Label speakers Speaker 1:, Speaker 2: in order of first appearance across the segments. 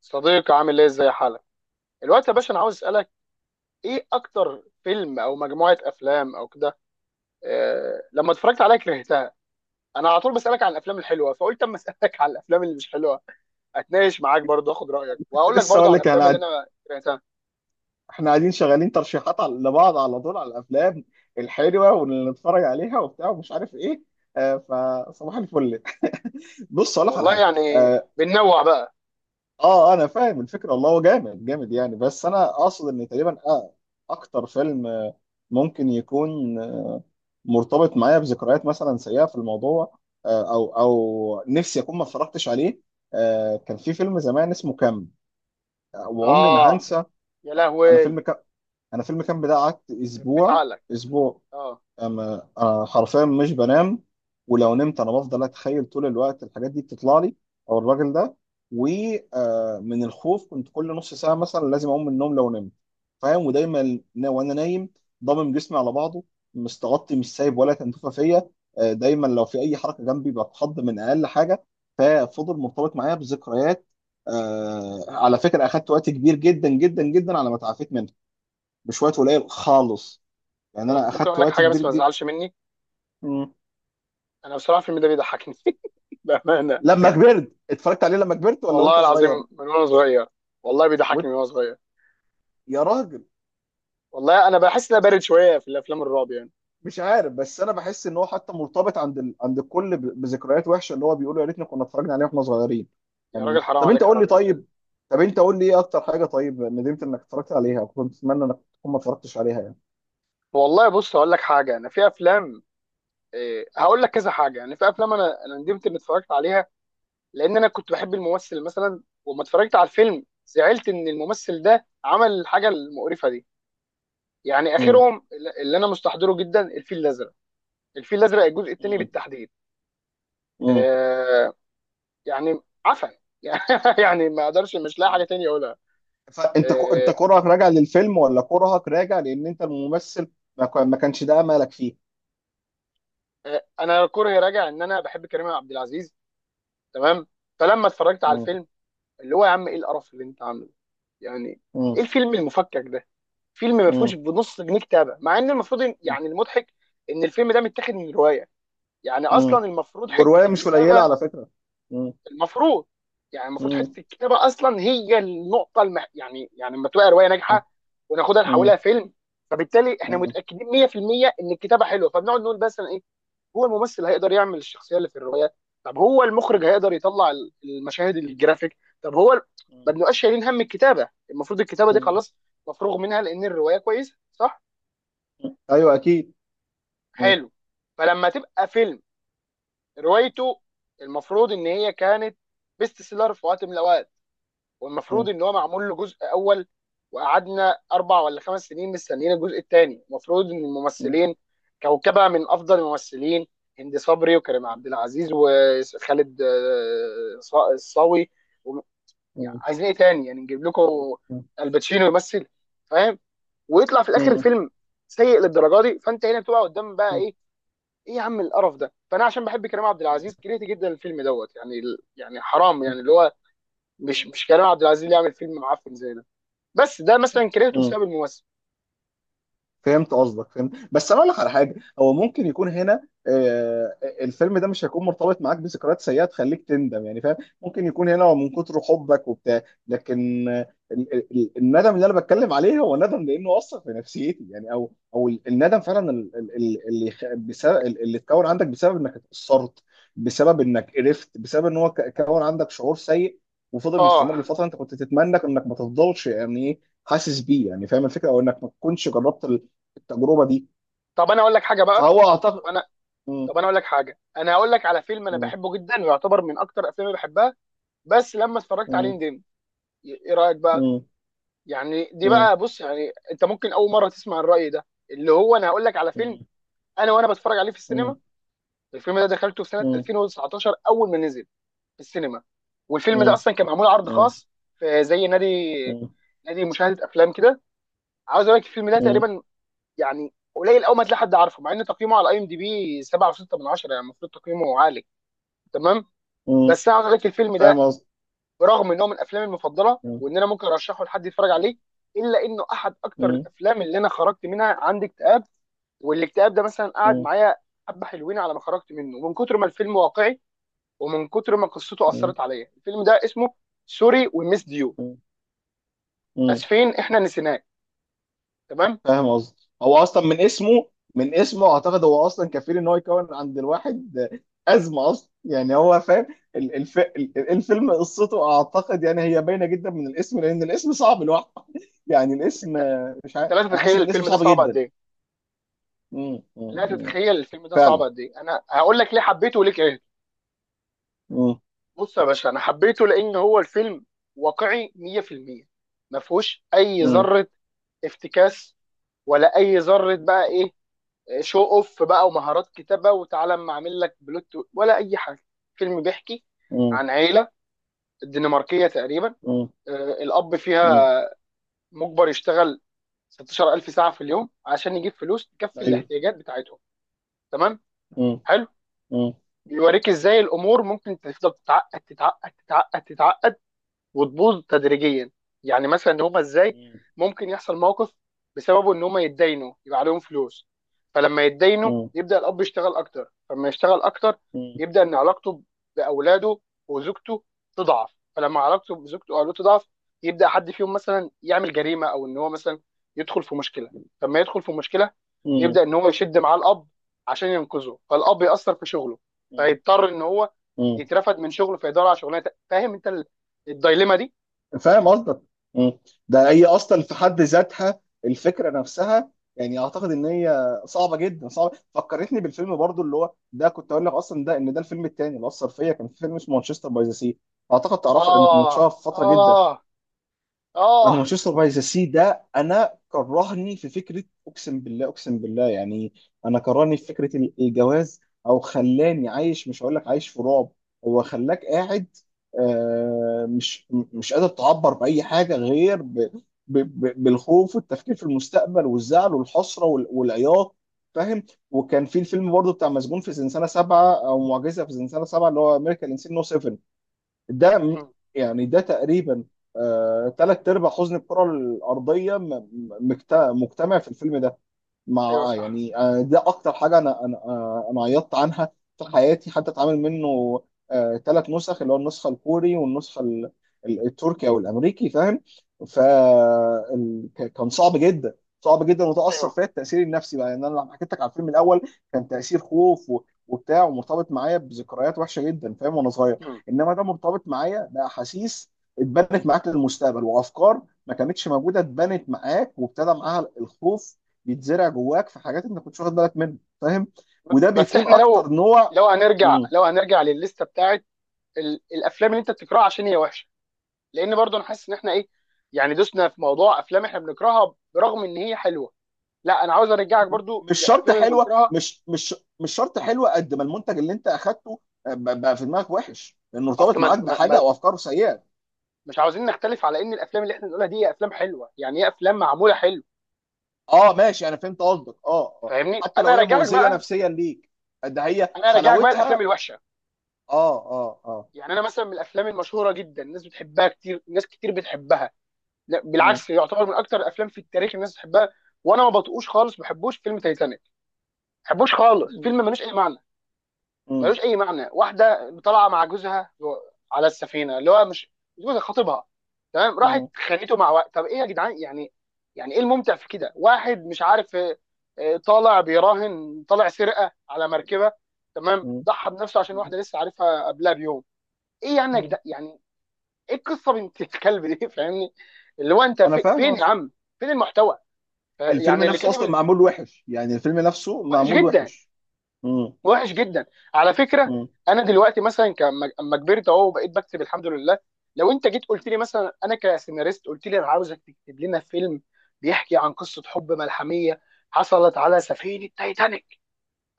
Speaker 1: صديقي، عامل ايه؟ ازاي حالك الوقت يا باشا؟ انا عاوز اسالك، ايه اكتر فيلم او مجموعه افلام او كده لما اتفرجت عليها كرهتها؟ انا على طول بسالك عن الافلام الحلوه، فقلت اما اسالك عن الافلام اللي مش حلوه، اتناقش معاك برضه اخد رايك،
Speaker 2: كنت
Speaker 1: وهقول لك
Speaker 2: لسه
Speaker 1: برضه
Speaker 2: اقول
Speaker 1: على
Speaker 2: لك
Speaker 1: الافلام اللي
Speaker 2: انا.
Speaker 1: انا كرهتها.
Speaker 2: احنا قاعدين شغالين ترشيحات لبعض على طول على الافلام الحلوه واللي نتفرج عليها وبتاع ومش عارف ايه. فصباح الفل. بص اقول لك على
Speaker 1: والله
Speaker 2: حاجه.
Speaker 1: يعني بننوع بقى.
Speaker 2: انا فاهم الفكره، والله هو جامد جامد يعني، بس انا اقصد ان تقريبا اكتر فيلم ممكن يكون مرتبط معايا بذكريات مثلا سيئه في الموضوع. او نفسي اكون ما اتفرجتش عليه. كان في فيلم زمان اسمه كام، وعمري ما
Speaker 1: اه،
Speaker 2: هنسى.
Speaker 1: يا
Speaker 2: انا
Speaker 1: لهوي،
Speaker 2: فيلم انا فيلم كامب ده قعدت
Speaker 1: ربيت
Speaker 2: اسبوع،
Speaker 1: عقلك.
Speaker 2: اسبوع.
Speaker 1: اه.
Speaker 2: أما انا حرفيا مش بنام، ولو نمت انا بفضل اتخيل طول الوقت الحاجات دي بتطلع لي، او الراجل ده. ومن الخوف كنت كل نص ساعه مثلا لازم اقوم من النوم لو نمت، فاهم؟ ودايما وانا نايم ضامم جسمي على بعضه، مستغطي، مش سايب ولا تنتفه فيا. دايما لو في اي حركه جنبي بتخض من اقل حاجه، ففضل مرتبط معايا بذكريات. على فكره اخدت وقت كبير جدا جدا جدا على ما تعافيت منها بشوية قليل خالص، يعني
Speaker 1: طب
Speaker 2: انا
Speaker 1: ممكن
Speaker 2: اخدت
Speaker 1: اقول لك
Speaker 2: وقت
Speaker 1: حاجه
Speaker 2: كبير
Speaker 1: بس ما
Speaker 2: جدا.
Speaker 1: تزعلش مني؟
Speaker 2: مم.
Speaker 1: انا بصراحه الفيلم ده بيضحكني بامانه.
Speaker 2: لما كبرت اتفرجت عليه، لما كبرت ولا
Speaker 1: والله
Speaker 2: وانت
Speaker 1: العظيم
Speaker 2: صغير؟
Speaker 1: من وانا صغير، والله
Speaker 2: وانت؟
Speaker 1: بيضحكني من وانا صغير.
Speaker 2: يا راجل،
Speaker 1: والله انا بحس ان أنا بارد شويه في الافلام الرعب يعني.
Speaker 2: مش عارف، بس انا بحس ان هو حتى مرتبط عند عند الكل بذكريات وحشه، اللي هو بيقولوا يا ريتنا كنا اتفرجنا عليه واحنا صغيرين.
Speaker 1: يا راجل
Speaker 2: يعني
Speaker 1: حرام
Speaker 2: طب انت
Speaker 1: عليك يا
Speaker 2: قول لي،
Speaker 1: راجل
Speaker 2: طيب طب انت قول لي ايه اكتر حاجه طيب ندمت انك اتفرجت عليها، كنت اتمنى انك تكون ما اتفرجتش عليها يعني.
Speaker 1: والله بص، هقول لك حاجه. انا في افلام، إيه، هقول لك كذا حاجه، يعني في افلام انا ندمت اني اتفرجت عليها، لان انا كنت بحب الممثل مثلا وما اتفرجت على الفيلم، زعلت ان الممثل ده عمل الحاجه المقرفه دي. يعني
Speaker 2: مم.
Speaker 1: اخرهم اللي انا مستحضره جدا، الفيل الازرق. الفيل الازرق الجزء الثاني
Speaker 2: مم.
Speaker 1: بالتحديد.
Speaker 2: مم.
Speaker 1: آه، يعني عفن يعني، يعني ما اقدرش، مش لاقي حاجه
Speaker 2: مم.
Speaker 1: تانية اقولها.
Speaker 2: فانت انت
Speaker 1: آه.
Speaker 2: كرهك راجع للفيلم ولا كرهك راجع لان انت الممثل ما كانش ده املك فيه؟
Speaker 1: انا كره راجع ان انا بحب كريم عبد العزيز، تمام؟ فلما اتفرجت على الفيلم، اللي هو يا عم ايه القرف اللي انت عامله يعني؟
Speaker 2: مم.
Speaker 1: ايه الفيلم المفكك ده؟ فيلم ما فيهوش
Speaker 2: مم.
Speaker 1: بنص جنيه كتابه، مع ان المفروض يعني المضحك ان الفيلم ده متاخد من روايه، يعني
Speaker 2: مم.
Speaker 1: اصلا المفروض حته
Speaker 2: ورواية مش قليلة
Speaker 1: الكتابه.
Speaker 2: على فكرة. مم.
Speaker 1: المفروض يعني المفروض
Speaker 2: مم.
Speaker 1: حته الكتابه اصلا هي النقطه يعني يعني لما تبقى روايه
Speaker 2: مم.
Speaker 1: ناجحه وناخدها نحولها
Speaker 2: مم.
Speaker 1: فيلم، فبالتالي احنا متاكدين 100% ان الكتابه حلوه، فبنقعد نقول بس هو الممثل هيقدر يعمل الشخصيه اللي في الروايه؟ طب هو المخرج هيقدر يطلع المشاهد الجرافيك؟ طب هو
Speaker 2: مم.
Speaker 1: ما بنبقاش شايلين هم الكتابه. المفروض الكتابه دي
Speaker 2: مم.
Speaker 1: خلاص مفروغ منها لان الروايه كويسه، صح؟
Speaker 2: أيوة أكيد. مم.
Speaker 1: حلو. فلما تبقى فيلم روايته المفروض ان هي كانت بيست سيلر في وقت من الاوقات، والمفروض
Speaker 2: مم.
Speaker 1: ان هو معمول له جزء اول، وقعدنا 4 أو 5 سنين مستنيين الجزء الثاني، المفروض ان
Speaker 2: مم.
Speaker 1: الممثلين كوكبه من افضل الممثلين، هند صبري وكريم عبد العزيز وخالد الصاوي و- يعني
Speaker 2: مم.
Speaker 1: عايزين ايه تاني يعني؟ نجيب لكم الباتشينو يمثل؟ فاهم؟ ويطلع في الاخر
Speaker 2: مم.
Speaker 1: الفيلم سيء للدرجه دي، فانت هنا بتبقى قدام بقى
Speaker 2: مم.
Speaker 1: ايه؟ ايه يا عم القرف ده؟ فانا عشان بحب كريم عبد العزيز كرهت جدا الفيلم دوت يعني. يعني حرام يعني، اللي هو مش، مش كريم عبد العزيز اللي يعمل فيلم معفن زي ده. بس ده مثلا كرهته
Speaker 2: مم.
Speaker 1: بسبب الممثل.
Speaker 2: فهمت قصدك، فهمت، بس انا اقول لك على حاجه. هو ممكن يكون هنا آه، الفيلم ده مش هيكون مرتبط معاك بذكريات سيئه تخليك تندم، يعني فاهم؟ ممكن يكون هنا هو من كتر حبك وبتاع، لكن الندم اللي انا بتكلم عليه هو ندم لانه اثر في نفسيتي، يعني او الندم فعلا اللي اتكون عندك بسبب انك اتاثرت، بسبب انك قرفت، بسبب ان هو كون عندك شعور سيء وفضل
Speaker 1: اه.
Speaker 2: مستمر لفتره انت كنت تتمنى انك ما تفضلش، يعني ايه، حاسس بيه يعني، فاهم الفكره؟ او انك ما تكونش جربت التجربه دي.
Speaker 1: طب انا اقول لك حاجه بقى؟
Speaker 2: فهو اعتقد.
Speaker 1: وانا
Speaker 2: مم.
Speaker 1: طب انا اقول لك حاجه، انا هقول لك على فيلم انا
Speaker 2: مم.
Speaker 1: بحبه جدا ويعتبر من اكتر افلامي بحبها، بس لما اتفرجت عليه
Speaker 2: مم.
Speaker 1: ندمت. ايه رايك بقى؟
Speaker 2: مم.
Speaker 1: يعني دي
Speaker 2: مم.
Speaker 1: بقى، بص، يعني انت ممكن اول مره تسمع الراي ده، اللي هو انا هقول لك على فيلم
Speaker 2: مم.
Speaker 1: انا وانا بتفرج عليه في
Speaker 2: مم.
Speaker 1: السينما. الفيلم ده دخلته في سنه
Speaker 2: مم.
Speaker 1: 2019 اول ما نزل في السينما، والفيلم ده
Speaker 2: مم.
Speaker 1: اصلا كان معمول عرض
Speaker 2: مم.
Speaker 1: خاص في زي نادي،
Speaker 2: مم.
Speaker 1: نادي مشاهده افلام كده. عاوز اقول لك الفيلم ده
Speaker 2: مم.
Speaker 1: تقريبا، يعني قليل قوي ما تلاقي حد عارفه، مع ان تقييمه على اي ام دي بي 7.6 من 10، يعني المفروض تقييمه عالي، تمام؟
Speaker 2: مم.
Speaker 1: بس انا عاوز اقول لك الفيلم
Speaker 2: فاهم
Speaker 1: ده
Speaker 2: قصدي.
Speaker 1: برغم ان هو من افلامي المفضله
Speaker 2: مم.
Speaker 1: وان انا ممكن ارشحه لحد يتفرج عليه، الا انه احد اكتر
Speaker 2: مم.
Speaker 1: الافلام اللي انا خرجت منها عندي اكتئاب، والاكتئاب ده مثلا قعد
Speaker 2: مم.
Speaker 1: معايا حبه حلوين على ما خرجت منه، من كتر ما الفيلم واقعي ومن كتر ما قصته
Speaker 2: مم.
Speaker 1: اثرت عليا. الفيلم ده اسمه سوري وميس ديو،
Speaker 2: مم. مم.
Speaker 1: اسفين احنا نسيناك، تمام؟
Speaker 2: فاهم قصدي، هو اصلا من اسمه، من اسمه اعتقد هو اصلا كفيل ان هو يكون عند الواحد ازمه اصلا، يعني هو فاهم. الفيلم قصته اعتقد يعني هي باينه جدا من الاسم، لان الاسم صعب لوحده يعني. الاسم
Speaker 1: انت،
Speaker 2: مش
Speaker 1: انت
Speaker 2: عارف،
Speaker 1: لا
Speaker 2: انا حاسس
Speaker 1: تتخيل
Speaker 2: ان الاسم
Speaker 1: الفيلم ده
Speaker 2: صعب
Speaker 1: صعب قد
Speaker 2: جدا.
Speaker 1: ايه.
Speaker 2: مم. مم.
Speaker 1: لا
Speaker 2: مم.
Speaker 1: تتخيل الفيلم ده صعب
Speaker 2: فعلا.
Speaker 1: قد ايه. انا هقول لك ليه حبيته وليه كرهته.
Speaker 2: مم.
Speaker 1: بص يا باشا، انا حبيته لان هو الفيلم واقعي 100%، ما فيهوش اي
Speaker 2: مم.
Speaker 1: ذره افتكاس ولا اي ذره بقى ايه، شو اوف بقى ومهارات كتابه وتعالى اما اعمل لك بلوت ولا اي حاجه. الفيلم بيحكي
Speaker 2: مم.
Speaker 1: عن عيله الدنماركيه تقريبا.
Speaker 2: مم.
Speaker 1: آه، الاب
Speaker 2: مم.
Speaker 1: فيها مجبر يشتغل 16000 ساعه في اليوم عشان يجيب فلوس تكفي
Speaker 2: ايوه.
Speaker 1: الاحتياجات بتاعتهم، تمام؟
Speaker 2: مم.
Speaker 1: حلو.
Speaker 2: مم.
Speaker 1: بيوريك ازاي الامور ممكن تفضل تتعقد تتعقد تتعقد تتعقد وتبوظ تدريجيا. يعني مثلا ان هم ازاي
Speaker 2: مم.
Speaker 1: ممكن يحصل موقف بسببه ان هم يتداينوا، يبقى عليهم فلوس. فلما يتداينوا
Speaker 2: مم.
Speaker 1: يبدا الاب يشتغل اكتر، فلما يشتغل اكتر
Speaker 2: مم.
Speaker 1: يبدا ان علاقته باولاده وزوجته تضعف. فلما علاقته بزوجته واولاده تضعف، يبدا حد فيهم مثلا يعمل جريمه، او ان هو مثلا يدخل في مشكله. فلما يدخل في مشكله يبدا ان هو يشد معاه الاب عشان ينقذه، فالاب ياثر في شغله،
Speaker 2: مم.
Speaker 1: فيضطر ان هو
Speaker 2: مم.
Speaker 1: يترفد من شغله، فيدور على شغلانه فاهم انت الدايليما دي؟
Speaker 2: فاهم قصدك. مم. ده هي اصلا في حد ذاتها الفكره نفسها، يعني اعتقد ان هي صعبه جدا، صعبه. فكرتني بالفيلم برضو اللي هو ده كنت اقول لك اصلا، ده ان ده الفيلم الثاني اللي اثر فيا، كان في فيلم اسمه مانشستر باي ذا سي، اعتقد تعرفه لانه كنت
Speaker 1: اه،
Speaker 2: متشهر في فتره جدا.
Speaker 1: اه،
Speaker 2: انا
Speaker 1: اه.
Speaker 2: مانشستر باي ذا سي ده انا كرهني في فكره، اقسم بالله اقسم بالله يعني. انا كرهني في فكره الجواز، او خلاني عايش، مش هقول لك عايش في رعب، هو خلاك قاعد مش قادر تعبر باي حاجه غير ب ب ب بالخوف والتفكير في المستقبل والزعل والحسره والعياط، فاهم؟ وكان في الفيلم برضه بتاع مسجون في زنزانه سبعه، او معجزه في زنزانه سبعه، اللي هو امريكان انسين نو سبعه، ده م-
Speaker 1: مم.
Speaker 2: يعني ده تقريبا ثلاث ارباع حزن الكره الارضيه مجتمع في الفيلم ده. مع
Speaker 1: ايوه، صح.
Speaker 2: يعني ده اكتر حاجه انا عيطت عنها في حياتي. حتى اتعامل منه ثلاث نسخ، اللي هو النسخه الكوري والنسخه ال- التركي او الامريكي، فاهم؟ فكان صعب جدا، صعب جدا، وتاثر
Speaker 1: ايوه.
Speaker 2: فيا التاثير النفسي بقى. يعني انا لما حكيت لك على الفيلم الاول كان تاثير خوف وبتاع، ومرتبط معايا بذكريات وحشه جدا، فاهم، وانا صغير.
Speaker 1: مم.
Speaker 2: انما ده مرتبط معايا باحاسيس اتبنت معاك للمستقبل، وافكار ما كانتش موجوده اتبنت معاك، وابتدى معاها الخوف بيتزرع جواك في حاجات انت كنتش واخد بالك منها، فاهم؟ وده
Speaker 1: بس
Speaker 2: بيكون
Speaker 1: احنا
Speaker 2: اكتر
Speaker 1: لو،
Speaker 2: نوع.
Speaker 1: لو هنرجع،
Speaker 2: مم.
Speaker 1: لو هنرجع للليسته بتاعت الافلام اللي انت بتكرهها عشان هي وحشه، لان برضو انا حاسس ان احنا ايه، يعني دوسنا في موضوع افلام احنا بنكرهها برغم ان هي حلوه. لا، انا عاوز ارجعك برضو
Speaker 2: مش شرط
Speaker 1: للافلام اللي
Speaker 2: حلوه
Speaker 1: بنكرهها.
Speaker 2: مش مش مش شرط حلوه قد ما المنتج اللي انت اخدته بقى في دماغك وحش انه
Speaker 1: اصل
Speaker 2: ارتبط
Speaker 1: ما...
Speaker 2: معاك
Speaker 1: ما...
Speaker 2: بحاجه
Speaker 1: ما...
Speaker 2: او افكاره سيئه.
Speaker 1: مش عاوزين نختلف على ان الافلام اللي احنا بنقولها دي هي افلام حلوه، يعني هي افلام معموله حلو.
Speaker 2: اه ماشي، انا فهمت قصدك، اه اه.
Speaker 1: فاهمني؟
Speaker 2: حتى
Speaker 1: انا
Speaker 2: لو هي
Speaker 1: راجعك
Speaker 2: مؤذيه
Speaker 1: بقى.
Speaker 2: نفسيا ليك، ده هي
Speaker 1: انا راجعك بقى الافلام
Speaker 2: حلاوتها.
Speaker 1: الوحشه.
Speaker 2: اه اه اه.
Speaker 1: يعني انا مثلا من الافلام المشهوره جدا الناس بتحبها، كتير ناس كتير بتحبها، لا
Speaker 2: مم.
Speaker 1: بالعكس يعتبر من اكتر الافلام في التاريخ الناس بتحبها، وانا ما بطقوش خالص، ما بحبوش فيلم تايتانيك، ما بحبوش خالص. فيلم
Speaker 2: مم.
Speaker 1: ملوش اي معنى،
Speaker 2: مم.
Speaker 1: ملوش اي معنى. واحده طالعه مع جوزها على السفينه، اللي هو مش جوزها، خطيبها، تمام؟ راحت
Speaker 2: مم.
Speaker 1: خانته مع وقت، طب ايه يا جدعان يعني؟ يعني ايه الممتع في كده؟ واحد مش عارف، طالع بيراهن، طالع سرقه على مركبه، تمام؟
Speaker 2: مم.
Speaker 1: ضحى بنفسه عشان واحده لسه عارفها قبلها بيوم. ايه يعني يا
Speaker 2: مم.
Speaker 1: جدعان يعني؟ ايه القصه بنت الكلب دي؟ فاهمني؟ اللي هو انت
Speaker 2: انا فاهم
Speaker 1: فين يا
Speaker 2: قصدك.
Speaker 1: عم، فين المحتوى؟
Speaker 2: الفيلم
Speaker 1: يعني اللي
Speaker 2: نفسه
Speaker 1: كاتب
Speaker 2: اصلا معمول وحش، يعني الفيلم نفسه
Speaker 1: وحش
Speaker 2: معمول
Speaker 1: جدا،
Speaker 2: وحش. مم.
Speaker 1: وحش جدا على فكره.
Speaker 2: مم.
Speaker 1: انا دلوقتي مثلا اما كبرت اهو وبقيت بكتب الحمد لله، لو انت جيت قلت لي مثلا انا كسيناريست، قلت لي انا عاوزك تكتب لنا فيلم بيحكي عن قصه حب ملحميه حصلت على سفينه تايتانيك،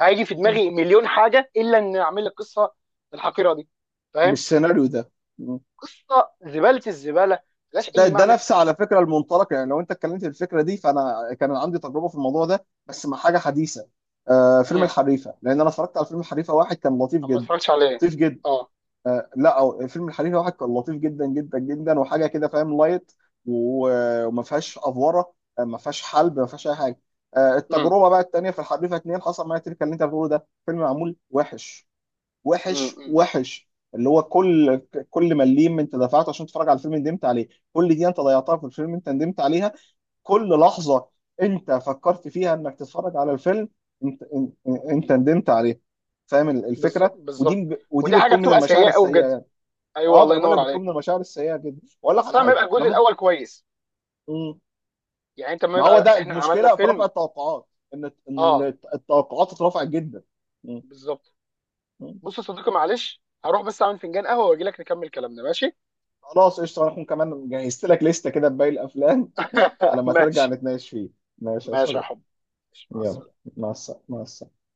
Speaker 1: هيجي في
Speaker 2: مم.
Speaker 1: دماغي مليون حاجه الا ان اعمل لك قصه الحقيره دي، فاهم؟
Speaker 2: بالسيناريو ده. مم.
Speaker 1: قصه زباله، الزباله ملهاش
Speaker 2: ده
Speaker 1: اي
Speaker 2: ده
Speaker 1: معنى.
Speaker 2: نفس على فكره المنطلق، يعني لو انت اتكلمت في الفكره دي فانا كان عندي تجربه في الموضوع ده، بس مع حاجه حديثه. آه فيلم
Speaker 1: امم
Speaker 2: الحريفه، لان انا اتفرجت على فيلم الحريفه واحد كان لطيف
Speaker 1: اما
Speaker 2: جدا،
Speaker 1: اتفرجتش عليه.
Speaker 2: لطيف جدا.
Speaker 1: اه.
Speaker 2: آه لا، أو فيلم الحريفه واحد كان لطيف جدا جدا جدا وحاجه كده، فاهم، لايت، وما فيهاش افوره، ما فيهاش حلب، ما فيهاش اي حاجه. آه
Speaker 1: امم.
Speaker 2: التجربه بقى التانيه في الحريفه اتنين حصل معايا تلك اللي انت بتقوله، ده فيلم معمول وحش، وحش
Speaker 1: امم.
Speaker 2: وحش. اللي هو كل كل مليم انت دفعته عشان تتفرج على الفيلم ندمت عليه، كل دي انت ضيعتها في الفيلم انت ندمت عليها، كل لحظة انت فكرت فيها انك تتفرج على الفيلم انت ندمت عليها، فاهم الفكرة؟ ودي
Speaker 1: بالظبط.
Speaker 2: ودي
Speaker 1: ودي حاجه
Speaker 2: بتكون من
Speaker 1: بتبقى
Speaker 2: المشاعر
Speaker 1: سيئه قوي
Speaker 2: السيئة
Speaker 1: بجد.
Speaker 2: يعني.
Speaker 1: ايوه،
Speaker 2: اه ما
Speaker 1: الله
Speaker 2: انا بقول
Speaker 1: ينور
Speaker 2: لك بتكون
Speaker 1: عليك.
Speaker 2: من المشاعر السيئة جدا، واقول لك
Speaker 1: خاصه
Speaker 2: على
Speaker 1: لما
Speaker 2: حاجة
Speaker 1: يبقى
Speaker 2: انا
Speaker 1: الجزء
Speaker 2: ممكن.
Speaker 1: الاول كويس،
Speaker 2: مم.
Speaker 1: يعني انت لما
Speaker 2: ما هو
Speaker 1: يبقى
Speaker 2: ده
Speaker 1: احنا عملنا
Speaker 2: المشكلة في رفع
Speaker 1: فيلم.
Speaker 2: التوقعات، ان
Speaker 1: اه.
Speaker 2: التوقعات اترفعت جدا. مم.
Speaker 1: بالظبط.
Speaker 2: مم.
Speaker 1: بص يا صديقي، معلش هروح بس اعمل فنجان قهوه واجي لك نكمل كلامنا، ماشي؟
Speaker 2: خلاص قشطة، انا هكون كمان جهزت لك لستة كده بباقي الافلام على ما ترجع
Speaker 1: ماشي.
Speaker 2: نتناقش فيه. ماشي يا
Speaker 1: ماشي يا
Speaker 2: صديقي.
Speaker 1: حب. ماشي، مع
Speaker 2: يلا،
Speaker 1: السلامه.
Speaker 2: مع السلامة، مع السلامة.